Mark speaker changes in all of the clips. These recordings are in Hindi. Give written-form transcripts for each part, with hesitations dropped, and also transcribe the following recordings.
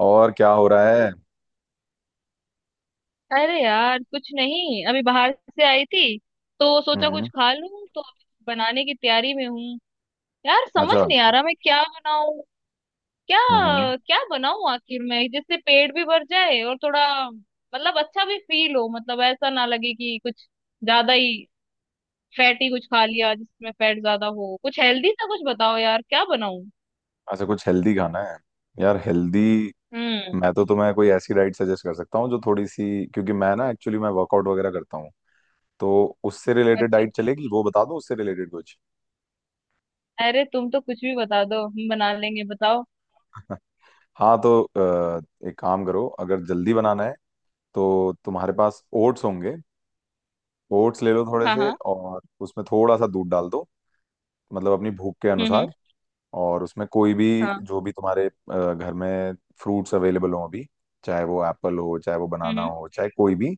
Speaker 1: और क्या हो रहा है?
Speaker 2: अरे यार कुछ नहीं। अभी बाहर से आई थी, तो सोचा कुछ
Speaker 1: हम्म।
Speaker 2: खा लूं, तो अभी बनाने की तैयारी में हूँ। यार समझ
Speaker 1: अच्छा।
Speaker 2: नहीं आ रहा मैं क्या बनाऊं। क्या
Speaker 1: हम्म।
Speaker 2: क्या बनाऊं आखिर मैं, जिससे पेट भी भर जाए और थोड़ा मतलब अच्छा भी फील हो। मतलब ऐसा ना लगे कि कुछ ज्यादा ही फैटी कुछ खा लिया जिसमें फैट ज्यादा हो। कुछ हेल्दी सा कुछ बताओ यार, क्या बनाऊं।
Speaker 1: अच्छा, कुछ हेल्दी खाना है। यार हेल्दी,
Speaker 2: हम्म।
Speaker 1: मैं तो तुम्हें कोई ऐसी डाइट सजेस्ट कर सकता हूँ जो थोड़ी सी, क्योंकि मैं ना एक्चुअली मैं वर्कआउट वगैरह करता हूँ तो उससे रिलेटेड
Speaker 2: अच्छा।
Speaker 1: डाइट चलेगी, वो बता दो, उससे रिलेटेड कुछ।
Speaker 2: अरे तुम तो कुछ भी बता दो, हम बना लेंगे, बताओ।
Speaker 1: हाँ तो एक काम करो, अगर जल्दी बनाना है तो तुम्हारे पास ओट्स होंगे। ओट्स ले लो थोड़े
Speaker 2: हाँ
Speaker 1: से
Speaker 2: हाँ।
Speaker 1: और उसमें थोड़ा सा दूध डाल दो, मतलब अपनी भूख के
Speaker 2: हम्म।
Speaker 1: अनुसार। और उसमें कोई भी,
Speaker 2: हाँ।
Speaker 1: जो भी तुम्हारे घर में फ्रूट्स अवेलेबल हो अभी, चाहे वो एप्पल हो चाहे वो बनाना
Speaker 2: हम्म
Speaker 1: हो चाहे कोई भी।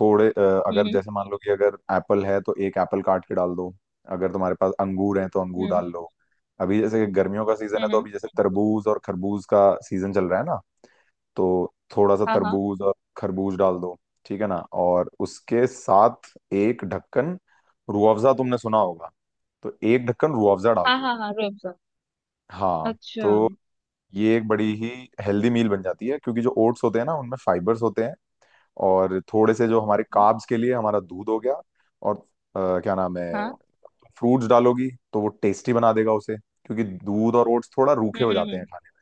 Speaker 1: थोड़े
Speaker 2: हम्म।
Speaker 1: अगर जैसे मान लो कि अगर एप्पल है तो एक एप्पल काट के डाल दो। अगर तुम्हारे पास अंगूर है तो
Speaker 2: हम्म।
Speaker 1: अंगूर
Speaker 2: हम्म।
Speaker 1: डाल लो। अभी जैसे गर्मियों का सीजन है तो
Speaker 2: हम्म।
Speaker 1: अभी जैसे तरबूज और खरबूज का सीजन चल रहा है ना, तो थोड़ा सा
Speaker 2: हाँ हाँ।
Speaker 1: तरबूज और खरबूज डाल दो। ठीक है ना। और उसके साथ एक ढक्कन रूह अफ़ज़ा, तुमने सुना होगा, तो एक ढक्कन रूह अफ़ज़ा डाल
Speaker 2: हाँ
Speaker 1: दो।
Speaker 2: हाँ हाँ, रूह अफ़ज़ा।
Speaker 1: हाँ,
Speaker 2: अच्छा,
Speaker 1: तो
Speaker 2: हम्म।
Speaker 1: ये एक बड़ी ही हेल्दी मील बन जाती है, क्योंकि जो ओट्स होते हैं ना उनमें फाइबर्स होते हैं, और थोड़े से जो हमारे कार्ब्स के लिए हमारा दूध हो गया, और क्या नाम है,
Speaker 2: हाँ।
Speaker 1: फ्रूट्स डालोगी तो वो टेस्टी बना देगा उसे, क्योंकि दूध और ओट्स थोड़ा रूखे हो जाते हैं
Speaker 2: हम्म।
Speaker 1: खाने में।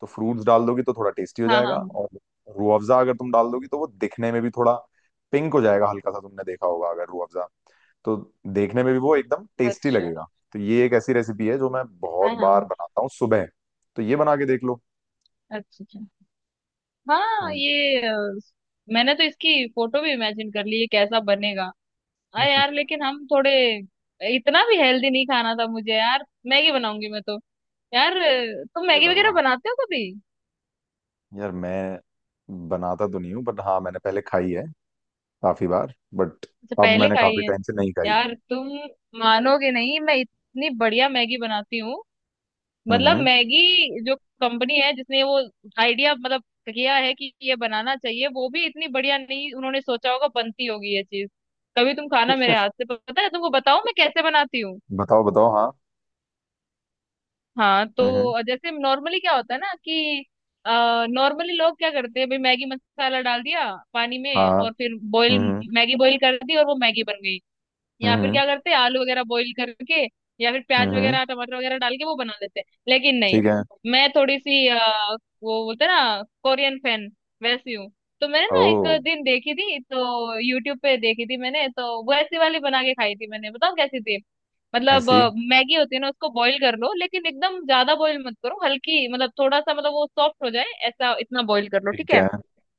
Speaker 1: तो फ्रूट्स डाल दोगी तो थोड़ा टेस्टी हो
Speaker 2: हाँ हाँ
Speaker 1: जाएगा,
Speaker 2: हाँ।
Speaker 1: और रूह अफ़ज़ा अगर तुम डाल दोगी तो वो दिखने में भी थोड़ा पिंक हो जाएगा, हल्का सा, तुमने देखा होगा अगर रूह अफ़ज़ा, तो देखने में भी वो एकदम टेस्टी
Speaker 2: अच्छा।
Speaker 1: लगेगा। तो ये एक ऐसी रेसिपी है जो मैं बहुत
Speaker 2: हाँ
Speaker 1: बार
Speaker 2: हाँ।
Speaker 1: बनाता हूँ सुबह, तो ये बना के देख लो।
Speaker 2: अच्छा अच्छा। हाँ
Speaker 1: हम्म।
Speaker 2: ये मैंने तो इसकी फोटो भी इमेजिन कर ली, ये कैसा बनेगा। हाँ यार लेकिन हम थोड़े इतना भी हेल्दी नहीं खाना था मुझे यार, मैगी बनाऊंगी मैं तो। यार तुम
Speaker 1: हे
Speaker 2: मैगी वगैरह
Speaker 1: भगवान,
Speaker 2: बनाते हो कभी?
Speaker 1: यार मैं बनाता तो नहीं हूँ बट हाँ मैंने पहले खाई है काफी बार बट
Speaker 2: अच्छा,
Speaker 1: अब
Speaker 2: पहले
Speaker 1: मैंने
Speaker 2: खाई
Speaker 1: काफी
Speaker 2: है।
Speaker 1: टाइम से नहीं खाई है।
Speaker 2: यार तुम मानोगे नहीं, मैं इतनी बढ़िया मैगी बनाती हूँ।
Speaker 1: हम्म।
Speaker 2: मतलब मैगी जो कंपनी है जिसने वो आइडिया मतलब किया है कि ये बनाना चाहिए, वो भी इतनी बढ़िया नहीं उन्होंने सोचा होगा बनती होगी ये चीज। कभी तुम खाना मेरे हाथ से, पता है? तुमको बताऊं मैं कैसे बनाती हूँ।
Speaker 1: बताओ बताओ, हाँ।
Speaker 2: हाँ
Speaker 1: हम्म हम्म,
Speaker 2: तो जैसे नॉर्मली क्या होता है ना कि, नॉर्मली लोग क्या करते हैं भाई, मैगी मसाला डाल दिया पानी में
Speaker 1: हाँ।
Speaker 2: और फिर बॉईल।
Speaker 1: हम्म हम्म
Speaker 2: मैगी बॉईल कर दी और वो मैगी बन गई। या फिर
Speaker 1: हम्म
Speaker 2: क्या करते हैं आलू वगैरह बॉईल करके, या फिर प्याज
Speaker 1: हम्म, हम्म,
Speaker 2: वगैरह टमाटर वगैरह डाल के वो बना लेते हैं, लेकिन नहीं।
Speaker 1: ठीक है।
Speaker 2: मैं थोड़ी सी वो बोलते हैं ना कोरियन फैन, वैसी हूँ। तो मैंने
Speaker 1: ओ,
Speaker 2: ना एक दिन देखी थी, तो यूट्यूब पे देखी थी मैंने, तो वैसी वाली बना के खाई थी मैंने, बताओ कैसी थी। मतलब
Speaker 1: ऐसी
Speaker 2: मैगी होती है ना उसको बॉईल कर लो, लेकिन एकदम ज्यादा बॉईल मत करो, हल्की मतलब थोड़ा सा मतलब वो सॉफ्ट हो जाए ऐसा इतना बॉईल कर लो, ठीक
Speaker 1: ठीक
Speaker 2: है।
Speaker 1: है।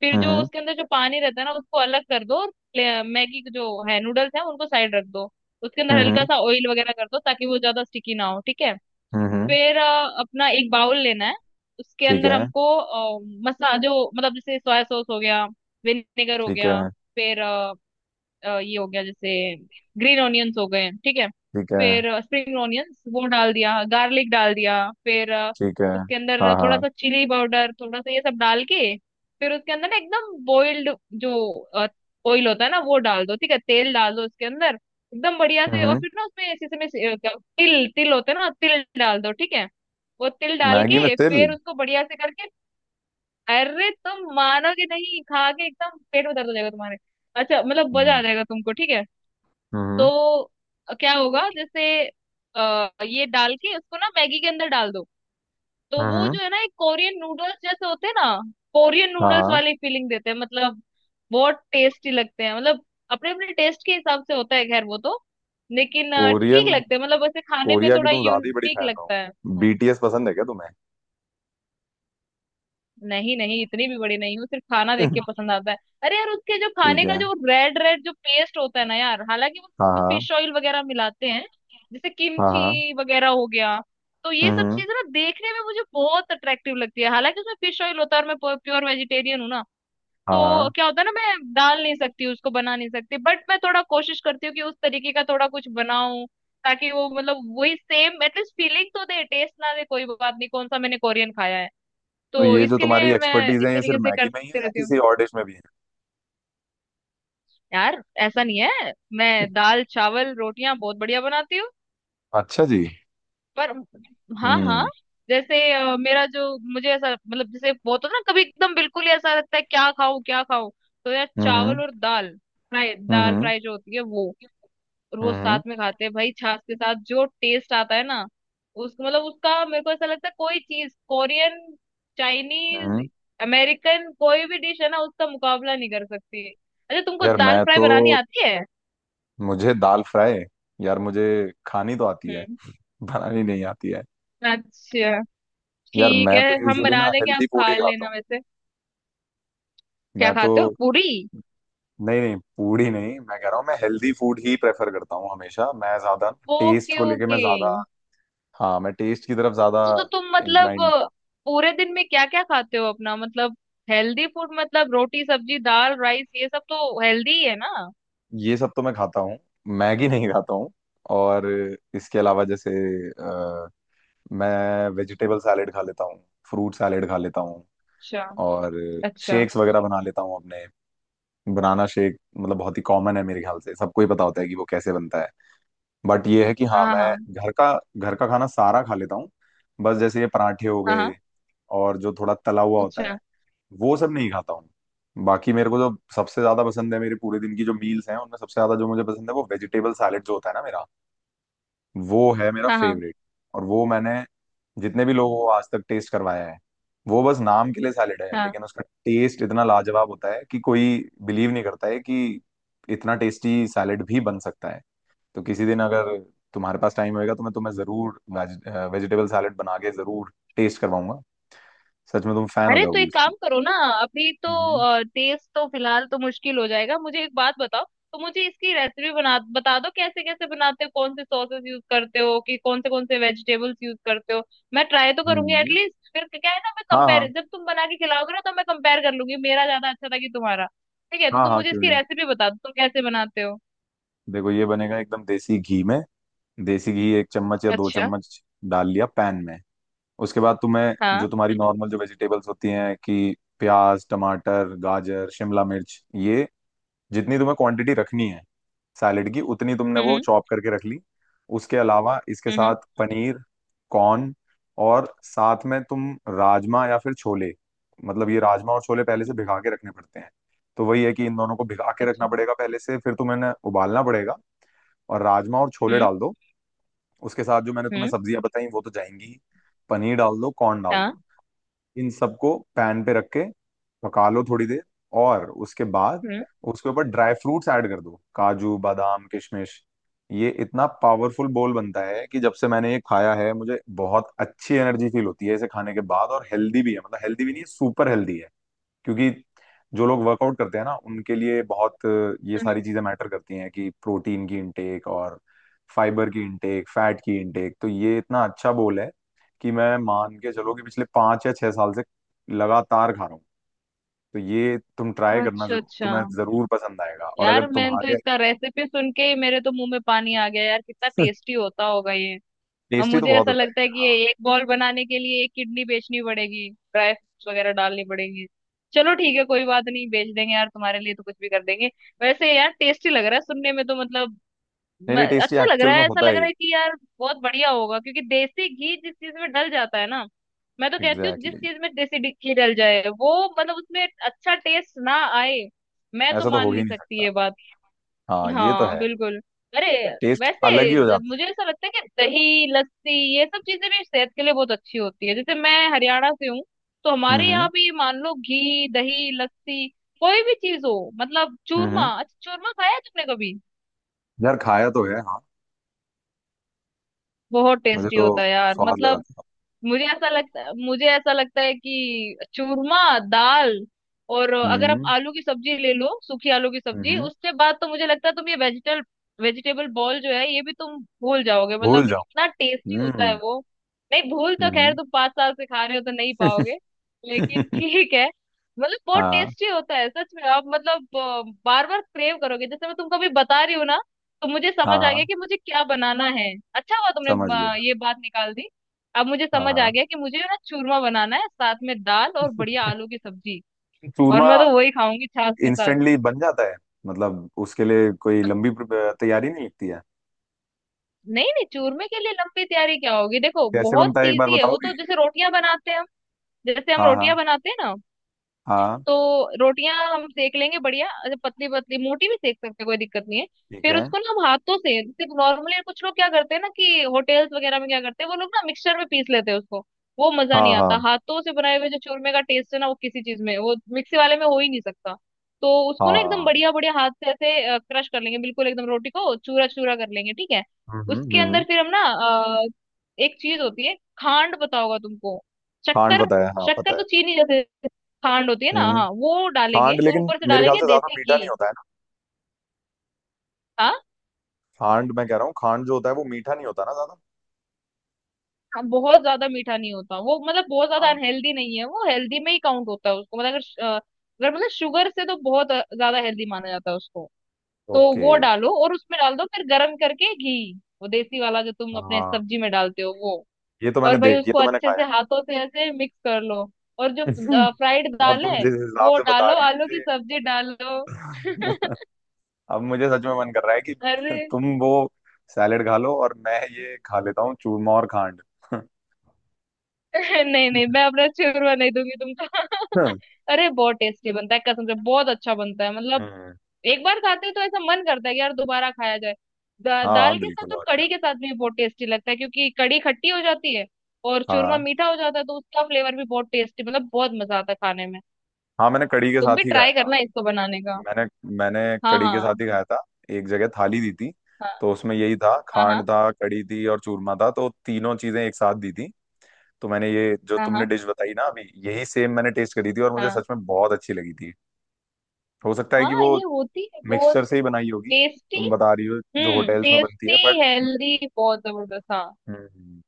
Speaker 2: फिर जो
Speaker 1: हम्म
Speaker 2: उसके अंदर जो पानी रहता है ना उसको अलग कर दो, और मैगी के जो है नूडल्स है उनको साइड रख दो। उसके अंदर
Speaker 1: हम्म
Speaker 2: हल्का
Speaker 1: हम्म,
Speaker 2: सा ऑयल वगैरह कर दो ताकि वो ज्यादा स्टिकी ना हो, ठीक है।
Speaker 1: हम्म, हम्म,
Speaker 2: फिर अपना एक बाउल लेना है, उसके
Speaker 1: ठीक
Speaker 2: अंदर
Speaker 1: है।
Speaker 2: हमको मसा जो मतलब जैसे सोया सॉस हो गया, विनेगर हो
Speaker 1: ठीक है।
Speaker 2: गया, फिर ये हो गया जैसे ग्रीन ऑनियंस हो गए, ठीक है।
Speaker 1: ठीक है।
Speaker 2: फिर स्प्रिंग ऑनियंस वो डाल दिया, गार्लिक डाल दिया, फिर
Speaker 1: ठीक है।
Speaker 2: उसके अंदर
Speaker 1: हाँ
Speaker 2: थोड़ा
Speaker 1: हाँ।
Speaker 2: सा चिली पाउडर थोड़ा सा ये सब डाल के, फिर उसके अंदर ना एकदम बॉइल्ड जो ऑयल होता है ना वो डाल दो, ठीक है, तेल डाल दो उसके अंदर एकदम बढ़िया
Speaker 1: हम्म
Speaker 2: से। और
Speaker 1: हम्म,
Speaker 2: फिर ना उसमें जैसे तिल तिल होते हैं ना, तिल डाल दो, ठीक है। वो तिल डाल
Speaker 1: मैगी में
Speaker 2: के
Speaker 1: तिल?
Speaker 2: फिर उसको बढ़िया से करके, अरे तुम मानोगे नहीं खा के एकदम पेट में दर्द हो जाएगा तुम्हारे। अच्छा मतलब मजा आ
Speaker 1: हम्म
Speaker 2: जाएगा तुमको, ठीक है।
Speaker 1: हम्म
Speaker 2: तो क्या होगा जैसे ये डाल के उसको ना मैगी के अंदर डाल दो, तो
Speaker 1: हम्म हम्म,
Speaker 2: वो
Speaker 1: हम्म,
Speaker 2: जो है ना एक कोरियन नूडल्स जैसे होते हैं ना, कोरियन
Speaker 1: हाँ
Speaker 2: नूडल्स
Speaker 1: हाँ।
Speaker 2: वाली फीलिंग देते हैं मतलब। बहुत टेस्टी लगते हैं मतलब, अपने अपने टेस्ट के हिसाब से होता है, खैर वो तो। लेकिन
Speaker 1: कोरियन,
Speaker 2: ठीक लगते हैं मतलब, वैसे खाने में
Speaker 1: कोरिया की
Speaker 2: थोड़ा
Speaker 1: तुम ज्यादा ही बड़ी
Speaker 2: यूनिक
Speaker 1: फैन हो,
Speaker 2: लगता है।
Speaker 1: बीटीएस पसंद है क्या तुम्हें?
Speaker 2: नहीं नहीं, इतनी भी बड़ी नहीं हूँ, सिर्फ खाना देख के पसंद आता है। अरे यार उसके जो
Speaker 1: ठीक
Speaker 2: खाने का
Speaker 1: है।
Speaker 2: जो रेड रेड जो पेस्ट होता है ना यार, हालांकि वो उसमें
Speaker 1: हाँ
Speaker 2: फिश ऑयल वगैरह मिलाते हैं, जैसे
Speaker 1: हाँ हाँ। हाँ।
Speaker 2: किमची वगैरह हो गया। तो ये
Speaker 1: हम्म
Speaker 2: सब
Speaker 1: हम्म,
Speaker 2: चीज ना देखने में मुझे बहुत अट्रैक्टिव लगती है, हालांकि उसमें फिश ऑयल होता है और मैं प्योर वेजिटेरियन हूँ ना।
Speaker 1: हाँ
Speaker 2: तो
Speaker 1: हाँ।
Speaker 2: क्या होता है ना, मैं डाल नहीं सकती उसको, बना नहीं सकती, बट मैं थोड़ा कोशिश करती हूँ कि उस तरीके का थोड़ा कुछ बनाऊं, ताकि वो मतलब वही सेम एटलीस्ट फीलिंग तो दे, टेस्ट ना दे कोई बात नहीं, कौन सा मैंने कोरियन खाया है।
Speaker 1: तो
Speaker 2: तो
Speaker 1: ये जो
Speaker 2: इसके
Speaker 1: तुम्हारी
Speaker 2: लिए मैं
Speaker 1: एक्सपर्टीज
Speaker 2: इस
Speaker 1: है ये
Speaker 2: तरीके
Speaker 1: सिर्फ
Speaker 2: से
Speaker 1: मैगी में ही है
Speaker 2: करते
Speaker 1: या
Speaker 2: रहती हूँ।
Speaker 1: किसी और डिश में भी है?
Speaker 2: यार ऐसा नहीं है, मैं दाल चावल रोटियां बहुत बढ़िया बनाती हूँ।
Speaker 1: अच्छा जी।
Speaker 2: पर हाँ हाँ।
Speaker 1: हम्म
Speaker 2: जैसे मेरा जो मुझे ऐसा मतलब जैसे बहुत होता है ना, कभी एकदम बिल्कुल ही ऐसा लगता है क्या खाऊं क्या खाऊं। तो यार चावल
Speaker 1: हम्म
Speaker 2: और दाल फ्राई,
Speaker 1: हम्म
Speaker 2: दाल
Speaker 1: हम्म
Speaker 2: फ्राई जो होती है वो रोज साथ
Speaker 1: हम्म
Speaker 2: में खाते हैं भाई, छाछ के साथ जो टेस्ट आता है ना उसको मतलब, उसका मेरे को ऐसा लगता है कोई चीज कोरियन,
Speaker 1: हम्म।
Speaker 2: चाइनीज, अमेरिकन, कोई भी डिश है ना उसका मुकाबला नहीं कर सकती। अच्छा तुमको
Speaker 1: यार
Speaker 2: दाल
Speaker 1: मैं
Speaker 2: फ्राई
Speaker 1: तो
Speaker 2: बनानी आती है?
Speaker 1: मुझे दाल फ्राई, यार मुझे खानी तो आती है,
Speaker 2: हम्म।
Speaker 1: बनानी नहीं आती है।
Speaker 2: अच्छा,
Speaker 1: यार
Speaker 2: ठीक
Speaker 1: मैं
Speaker 2: है,
Speaker 1: तो
Speaker 2: हम
Speaker 1: यूजुअली
Speaker 2: बना
Speaker 1: ना
Speaker 2: देंगे आप
Speaker 1: हेल्दी फूड
Speaker 2: खा
Speaker 1: ही खाता हूँ।
Speaker 2: लेना वैसे। क्या
Speaker 1: मैं तो
Speaker 2: खाते हो, पूरी?
Speaker 1: नहीं नहीं, पूरी नहीं, मैं कह रहा हूँ, मैं हेल्दी फूड ही प्रेफर करता हूँ, हमेशा मैं ज्यादा टेस्ट
Speaker 2: ओके
Speaker 1: को लेके, मैं
Speaker 2: ओके।
Speaker 1: ज्यादा, हाँ मैं टेस्ट की तरफ ज्यादा
Speaker 2: तो तुम मतलब
Speaker 1: इंक्लाइंड।
Speaker 2: पूरे दिन में क्या क्या खाते हो अपना, मतलब हेल्दी फूड मतलब रोटी सब्जी दाल राइस ये सब तो हेल्दी ही है ना।
Speaker 1: ये सब तो मैं खाता हूँ, मैगी नहीं खाता हूँ। और इसके अलावा जैसे अ, मैं वेजिटेबल सैलेड खा लेता हूँ, फ्रूट सैलेड खा लेता हूँ,
Speaker 2: अच्छा
Speaker 1: और
Speaker 2: अच्छा।
Speaker 1: शेक्स वगैरह बना लेता हूँ अपने। बनाना शेक मतलब बहुत ही कॉमन है, मेरे ख्याल से सबको ही पता होता है कि वो कैसे बनता है। बट ये है कि हाँ
Speaker 2: हाँ
Speaker 1: मैं
Speaker 2: हाँ
Speaker 1: घर का घर का खाना सारा खा लेता हूँ। बस जैसे ये पराठे हो
Speaker 2: हाँ।
Speaker 1: गए
Speaker 2: हाँ
Speaker 1: और जो थोड़ा तला हुआ होता है
Speaker 2: अच्छा।
Speaker 1: वो सब नहीं खाता हूँ। बाकी मेरे को जो सबसे ज्यादा पसंद है, मेरे पूरे दिन की जो मील्स हैं उनमें सबसे ज्यादा जो मुझे पसंद है वो वेजिटेबल सैलेड जो होता है ना मेरा, वो है मेरा
Speaker 2: हाँ हाँ
Speaker 1: फेवरेट। और वो मैंने जितने भी लोगों को आज तक टेस्ट करवाया है, वो बस नाम के लिए सैलेड है
Speaker 2: हाँ।
Speaker 1: लेकिन उसका टेस्ट इतना लाजवाब होता है कि कोई बिलीव नहीं करता है कि इतना टेस्टी सैलेड भी बन सकता है। तो किसी दिन अगर तुम्हारे पास टाइम होएगा तो मैं तुम्हें जरूर वेजिटेबल सैलेड बना के जरूर टेस्ट करवाऊंगा, सच में तुम फैन हो
Speaker 2: अरे तो
Speaker 1: जाओगी
Speaker 2: एक काम
Speaker 1: उसकी।
Speaker 2: करो ना। अभी तो
Speaker 1: हम्म।
Speaker 2: तेज तो फिलहाल तो मुश्किल हो जाएगा, मुझे एक बात बताओ, तो मुझे इसकी रेसिपी बना बता दो कैसे कैसे बनाते हो, कौन से सॉसेस यूज करते हो कि कौन से वेजिटेबल्स यूज करते हो। मैं ट्राई तो करूंगी
Speaker 1: हम्म।
Speaker 2: एटलीस्ट, फिर क्या है ना, मैं
Speaker 1: हाँ
Speaker 2: कंपेयर
Speaker 1: हाँ।
Speaker 2: जब तुम बना के खिलाओगे ना तो मैं कंपेयर कर लूंगी मेरा ज्यादा अच्छा था कि तुम्हारा। ठीक है, तो
Speaker 1: हाँ
Speaker 2: तुम
Speaker 1: हाँ,
Speaker 2: मुझे
Speaker 1: क्यों
Speaker 2: इसकी
Speaker 1: नहीं।
Speaker 2: रेसिपी बता दो तुम कैसे बनाते हो।
Speaker 1: देखो ये बनेगा एकदम देसी घी में, देसी घी एक चम्मच या दो
Speaker 2: अच्छा।
Speaker 1: चम्मच डाल लिया पैन में। उसके बाद तुम्हें जो
Speaker 2: हाँ।
Speaker 1: तुम्हारी नॉर्मल जो वेजिटेबल्स होती हैं, कि प्याज टमाटर गाजर शिमला मिर्च, ये जितनी तुम्हें क्वांटिटी रखनी है सैलेड की उतनी तुमने वो
Speaker 2: हम्म
Speaker 1: चॉप करके रख ली। उसके अलावा इसके
Speaker 2: हम्म।
Speaker 1: साथ पनीर, कॉर्न, और साथ में तुम राजमा या फिर छोले, मतलब ये राजमा और छोले पहले से भिगा के रखने पड़ते हैं, तो वही है कि इन दोनों को भिगा के
Speaker 2: अच्छा।
Speaker 1: रखना पड़ेगा पहले से, फिर तुम्हें इन्हें उबालना पड़ेगा। और राजमा और छोले
Speaker 2: हम्म
Speaker 1: डाल दो, उसके साथ जो मैंने तुम्हें
Speaker 2: हम्म।
Speaker 1: सब्जियां बताई वो तो जाएंगी ही, पनीर डाल दो, कॉर्न डाल दो।
Speaker 2: हाँ।
Speaker 1: इन सबको पैन पे रख के पका लो थोड़ी देर, और उसके बाद
Speaker 2: हम्म
Speaker 1: उसके ऊपर ड्राई फ्रूट्स ऐड कर दो, काजू बादाम किशमिश। ये इतना पावरफुल बोल बनता है कि जब से मैंने ये खाया है मुझे बहुत अच्छी एनर्जी फील होती है इसे खाने के बाद, और हेल्दी भी है, मतलब हेल्दी भी नहीं, सुपर हेल्दी है। क्योंकि जो लोग वर्कआउट करते हैं ना उनके लिए बहुत ये
Speaker 2: हम्म।
Speaker 1: सारी चीजें मैटर करती हैं, कि प्रोटीन की इनटेक और फाइबर की इनटेक फैट की इनटेक, तो ये इतना अच्छा बोल है कि मैं मान के चलो कि पिछले 5 या 6 साल से लगातार खा रहा हूँ। तो ये तुम ट्राई करना
Speaker 2: अच्छा
Speaker 1: जरूर,
Speaker 2: अच्छा।
Speaker 1: तुम्हें जरूर पसंद आएगा, और अगर
Speaker 2: यार मैंने तो
Speaker 1: तुम्हारे
Speaker 2: इसका रेसिपी सुन के ही मेरे तो मुंह में पानी आ गया यार, कितना टेस्टी होता होगा ये। और
Speaker 1: टेस्टी तो
Speaker 2: मुझे
Speaker 1: बहुत
Speaker 2: ऐसा
Speaker 1: होता
Speaker 2: लगता है
Speaker 1: है।
Speaker 2: कि ये एक बॉल बनाने के लिए एक किडनी बेचनी पड़ेगी, ड्राई फ्रूट्स वगैरह डालनी पड़ेंगे। चलो ठीक है कोई बात नहीं, बेच देंगे यार, तुम्हारे लिए तो कुछ भी कर देंगे। वैसे यार टेस्टी लग रहा है सुनने में तो मतलब,
Speaker 1: नहीं नहीं, टेस्टी
Speaker 2: अच्छा लग रहा
Speaker 1: एक्चुअल में
Speaker 2: है, ऐसा
Speaker 1: होता
Speaker 2: लग
Speaker 1: है
Speaker 2: रहा
Speaker 1: ये।
Speaker 2: है कि यार बहुत बढ़िया होगा, क्योंकि देसी घी जिस चीज में डल जाता है ना। मैं तो कहती हूँ
Speaker 1: एग्जैक्टली
Speaker 2: जिस
Speaker 1: exactly.
Speaker 2: चीज में देसी घी डल जाए वो मतलब उसमें अच्छा टेस्ट ना आए, मैं तो
Speaker 1: ऐसा तो
Speaker 2: मान
Speaker 1: हो ही
Speaker 2: नहीं
Speaker 1: नहीं
Speaker 2: सकती
Speaker 1: सकता।
Speaker 2: ये बात।
Speaker 1: हाँ ये तो
Speaker 2: हाँ
Speaker 1: है,
Speaker 2: बिल्कुल। अरे
Speaker 1: टेस्ट अलग ही
Speaker 2: वैसे
Speaker 1: हो जाता
Speaker 2: मुझे ऐसा लगता है कि दही लस्सी ये सब चीजें भी सेहत के लिए बहुत अच्छी होती है, जैसे मैं हरियाणा से हूँ, तो
Speaker 1: है।
Speaker 2: हमारे यहाँ भी मान लो घी दही लस्सी कोई भी चीज हो, मतलब
Speaker 1: हम्म हम्म।
Speaker 2: चूरमा, अच्छा चूरमा खाया है तुमने कभी?
Speaker 1: यार खाया तो है हाँ।
Speaker 2: बहुत
Speaker 1: मुझे
Speaker 2: टेस्टी
Speaker 1: तो
Speaker 2: होता है यार,
Speaker 1: स्वाद लगा
Speaker 2: मतलब
Speaker 1: था।
Speaker 2: मुझे ऐसा लगता है कि चूरमा, दाल, और अगर आप
Speaker 1: हम्म।
Speaker 2: आलू की सब्जी ले लो, सूखी आलू की सब्जी,
Speaker 1: हम्म।
Speaker 2: उसके बाद तो मुझे लगता है तुम ये वेजिटल वेजिटेबल बॉल जो है ये भी तुम भूल जाओगे,
Speaker 1: भूल
Speaker 2: मतलब
Speaker 1: जाओ।
Speaker 2: इतना टेस्टी होता है
Speaker 1: हम्म।
Speaker 2: वो। नहीं भूल तो खैर
Speaker 1: हम्म।
Speaker 2: तुम 5 साल से खा रहे हो तो नहीं पाओगे लेकिन ठीक है। मतलब बहुत
Speaker 1: हाँ
Speaker 2: टेस्टी होता है सच में, आप मतलब बार बार क्रेव करोगे जैसे मैं तुमको अभी बता रही हूँ ना। तो मुझे
Speaker 1: हाँ
Speaker 2: समझ आ गया
Speaker 1: हाँ,
Speaker 2: कि मुझे क्या बनाना है, अच्छा हुआ तुमने
Speaker 1: समझ गया।
Speaker 2: ये बात निकाल दी। अब मुझे
Speaker 1: हाँ
Speaker 2: समझ आ
Speaker 1: हाँ,
Speaker 2: गया कि मुझे ना चूरमा बनाना है साथ में दाल और बढ़िया आलू की सब्जी, और
Speaker 1: चूरमा
Speaker 2: मैं तो वही खाऊंगी छाछ के साथ।
Speaker 1: इंस्टेंटली बन जाता है, मतलब उसके लिए कोई लंबी तैयारी नहीं लगती है।
Speaker 2: नहीं नहीं चूरमे के लिए लंबी तैयारी क्या होगी, देखो
Speaker 1: कैसे
Speaker 2: बहुत
Speaker 1: बनता है एक बार
Speaker 2: इजी है वो तो,
Speaker 1: बताओगी?
Speaker 2: जैसे रोटियां बनाते हैं हम, जैसे हम
Speaker 1: हाँ हाँ।
Speaker 2: रोटियां बनाते हैं ना,
Speaker 1: हाँ।
Speaker 2: तो रोटियां हम सेक लेंगे बढ़िया अच्छा पतली पतली, मोटी भी सेक सकते हैं कोई दिक्कत नहीं है।
Speaker 1: ठीक
Speaker 2: फिर
Speaker 1: है।
Speaker 2: उसको ना हम हाथों से, जैसे नॉर्मली कुछ लोग क्या करते हैं ना, कि होटेल्स वगैरह में क्या करते हैं वो लोग, ना मिक्सचर में पीस लेते हैं उसको। वो मजा नहीं
Speaker 1: हाँ।
Speaker 2: आता,
Speaker 1: हाँ
Speaker 2: हाथों से बनाए हुए जो चूरमे का टेस्ट है ना वो किसी चीज में वो मिक्सी वाले में हो ही नहीं सकता। तो उसको ना एकदम
Speaker 1: हाँ।
Speaker 2: बढ़िया बढ़िया हाथ से ऐसे क्रश कर लेंगे, बिल्कुल एकदम रोटी को चूरा चूरा कर लेंगे, ठीक है।
Speaker 1: हम्म हम्म
Speaker 2: उसके अंदर
Speaker 1: हम्म।
Speaker 2: फिर हम ना अ, एक चीज होती है खांड, पता होगा तुमको,
Speaker 1: खांड
Speaker 2: शक्कर।
Speaker 1: पता है, हाँ
Speaker 2: शक्कर
Speaker 1: पता है।
Speaker 2: तो चीनी जैसे खांड होती है ना,
Speaker 1: हम्म।
Speaker 2: हाँ वो डालेंगे
Speaker 1: खांड
Speaker 2: और
Speaker 1: लेकिन
Speaker 2: ऊपर से
Speaker 1: मेरे ख्याल
Speaker 2: डालेंगे
Speaker 1: से ज्यादा
Speaker 2: देसी
Speaker 1: मीठा
Speaker 2: घी।
Speaker 1: नहीं होता है ना।
Speaker 2: हाँ,
Speaker 1: खांड मैं कह रहा हूँ, खांड जो होता है वो मीठा नहीं होता ना ज्यादा।
Speaker 2: हाँ, बहुत ज्यादा मीठा नहीं होता वो, मतलब बहुत ज्यादा
Speaker 1: हाँ।
Speaker 2: अनहेल्दी नहीं है वो, हेल्दी में ही काउंट होता है उसको, मतलब अगर अगर मतलब शुगर से तो बहुत ज्यादा हेल्दी माना जाता है उसको। तो
Speaker 1: ओके।
Speaker 2: वो डालो और उसमें डाल दो फिर गर्म करके घी, वो देसी वाला जो तुम अपने
Speaker 1: हाँ,
Speaker 2: सब्जी में डालते हो वो।
Speaker 1: ये तो
Speaker 2: और
Speaker 1: मैंने
Speaker 2: भाई
Speaker 1: देख, ये
Speaker 2: उसको
Speaker 1: तो मैंने
Speaker 2: अच्छे
Speaker 1: खाया
Speaker 2: से
Speaker 1: है।
Speaker 2: हाथों से ऐसे मिक्स कर लो, और जो फ्राइड
Speaker 1: यार
Speaker 2: दाल
Speaker 1: तुम
Speaker 2: है
Speaker 1: जिस हिसाब
Speaker 2: वो
Speaker 1: से बता
Speaker 2: डालो, आलू
Speaker 1: रही
Speaker 2: की सब्जी डालो।
Speaker 1: हो मुझे अब मुझे सच में मन कर रहा है कि
Speaker 2: अरे
Speaker 1: तुम वो सैलेड खा लो और मैं ये खा लेता हूँ चूरमा और खांड।
Speaker 2: नहीं नहीं, मैं अपना चूरमा नहीं दूंगी तुमको। अरे बहुत टेस्टी बनता है, कसम से बहुत अच्छा बनता है मतलब,
Speaker 1: हम्म,
Speaker 2: एक बार खाते हैं तो ऐसा मन करता है कि यार दोबारा खाया जाए।
Speaker 1: हाँ
Speaker 2: दाल के
Speaker 1: बिल्कुल,
Speaker 2: साथ और
Speaker 1: और क्या।
Speaker 2: कढ़ी के साथ भी बहुत टेस्टी लगता है, क्योंकि कढ़ी खट्टी हो जाती है और चूरमा
Speaker 1: हाँ
Speaker 2: मीठा हो जाता है, तो उसका फ्लेवर भी बहुत टेस्टी मतलब बहुत मजा आता है खाने में।
Speaker 1: हाँ, मैंने कढ़ी के
Speaker 2: तुम भी
Speaker 1: साथ ही खाया
Speaker 2: ट्राई
Speaker 1: था।
Speaker 2: करना इसको बनाने का।
Speaker 1: मैंने मैंने
Speaker 2: हाँ
Speaker 1: कढ़ी के
Speaker 2: हाँ
Speaker 1: साथ ही खाया था, एक जगह थाली दी थी, तो उसमें यही था,
Speaker 2: हाँ। हाँ
Speaker 1: खांड
Speaker 2: हाँ
Speaker 1: था, कढ़ी थी और चूरमा था, तो तीनों चीजें एक साथ दी थी। तो मैंने ये जो तुमने
Speaker 2: हाँ।
Speaker 1: डिश बताई ना अभी, यही सेम मैंने टेस्ट करी थी और मुझे
Speaker 2: हाँ
Speaker 1: सच में बहुत अच्छी लगी थी। हो सकता है कि
Speaker 2: हाँ।
Speaker 1: वो
Speaker 2: ये होती है बहुत
Speaker 1: मिक्सचर से ही बनाई होगी,
Speaker 2: टेस्टी,
Speaker 1: तुम बता रही हो जो होटल्स में बनती है बट।
Speaker 2: टेस्टी, हेल्दी बहुत जबरदस्त, हाँ
Speaker 1: हम्म।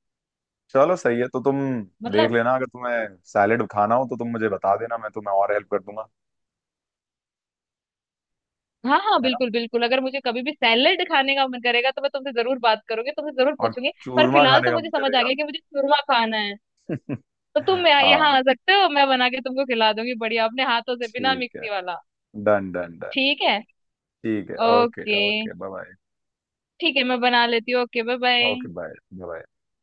Speaker 1: चलो सही है, तो तुम देख
Speaker 2: मतलब।
Speaker 1: लेना, अगर तुम्हें सैलेड खाना हो तो तुम मुझे बता देना, मैं तुम्हें और हेल्प कर दूंगा।
Speaker 2: हाँ हाँ
Speaker 1: है ना।
Speaker 2: बिल्कुल बिल्कुल, अगर मुझे कभी भी सैलेड खाने का मन करेगा तो मैं तुमसे जरूर बात करूंगी, तुमसे जरूर
Speaker 1: और
Speaker 2: पूछूंगी। पर
Speaker 1: चूरमा
Speaker 2: फिलहाल
Speaker 1: खाने
Speaker 2: तो
Speaker 1: का
Speaker 2: मुझे
Speaker 1: मन
Speaker 2: समझ आ
Speaker 1: करेगा।
Speaker 2: गया कि मुझे चूरमा खाना है। तो तुम यहाँ यहाँ
Speaker 1: हाँ।
Speaker 2: आ सकते हो, मैं बना के तुमको खिला दूंगी बढ़िया अपने हाथों से, बिना
Speaker 1: ठीक है।
Speaker 2: मिक्सी वाला।
Speaker 1: Done done done.
Speaker 2: ठीक है।
Speaker 1: ठीक है। Okay
Speaker 2: okay.
Speaker 1: Okay, bye bye.
Speaker 2: ठीक है मैं बना लेती हूँ, okay bye
Speaker 1: okay
Speaker 2: bye.
Speaker 1: Bye. Bye.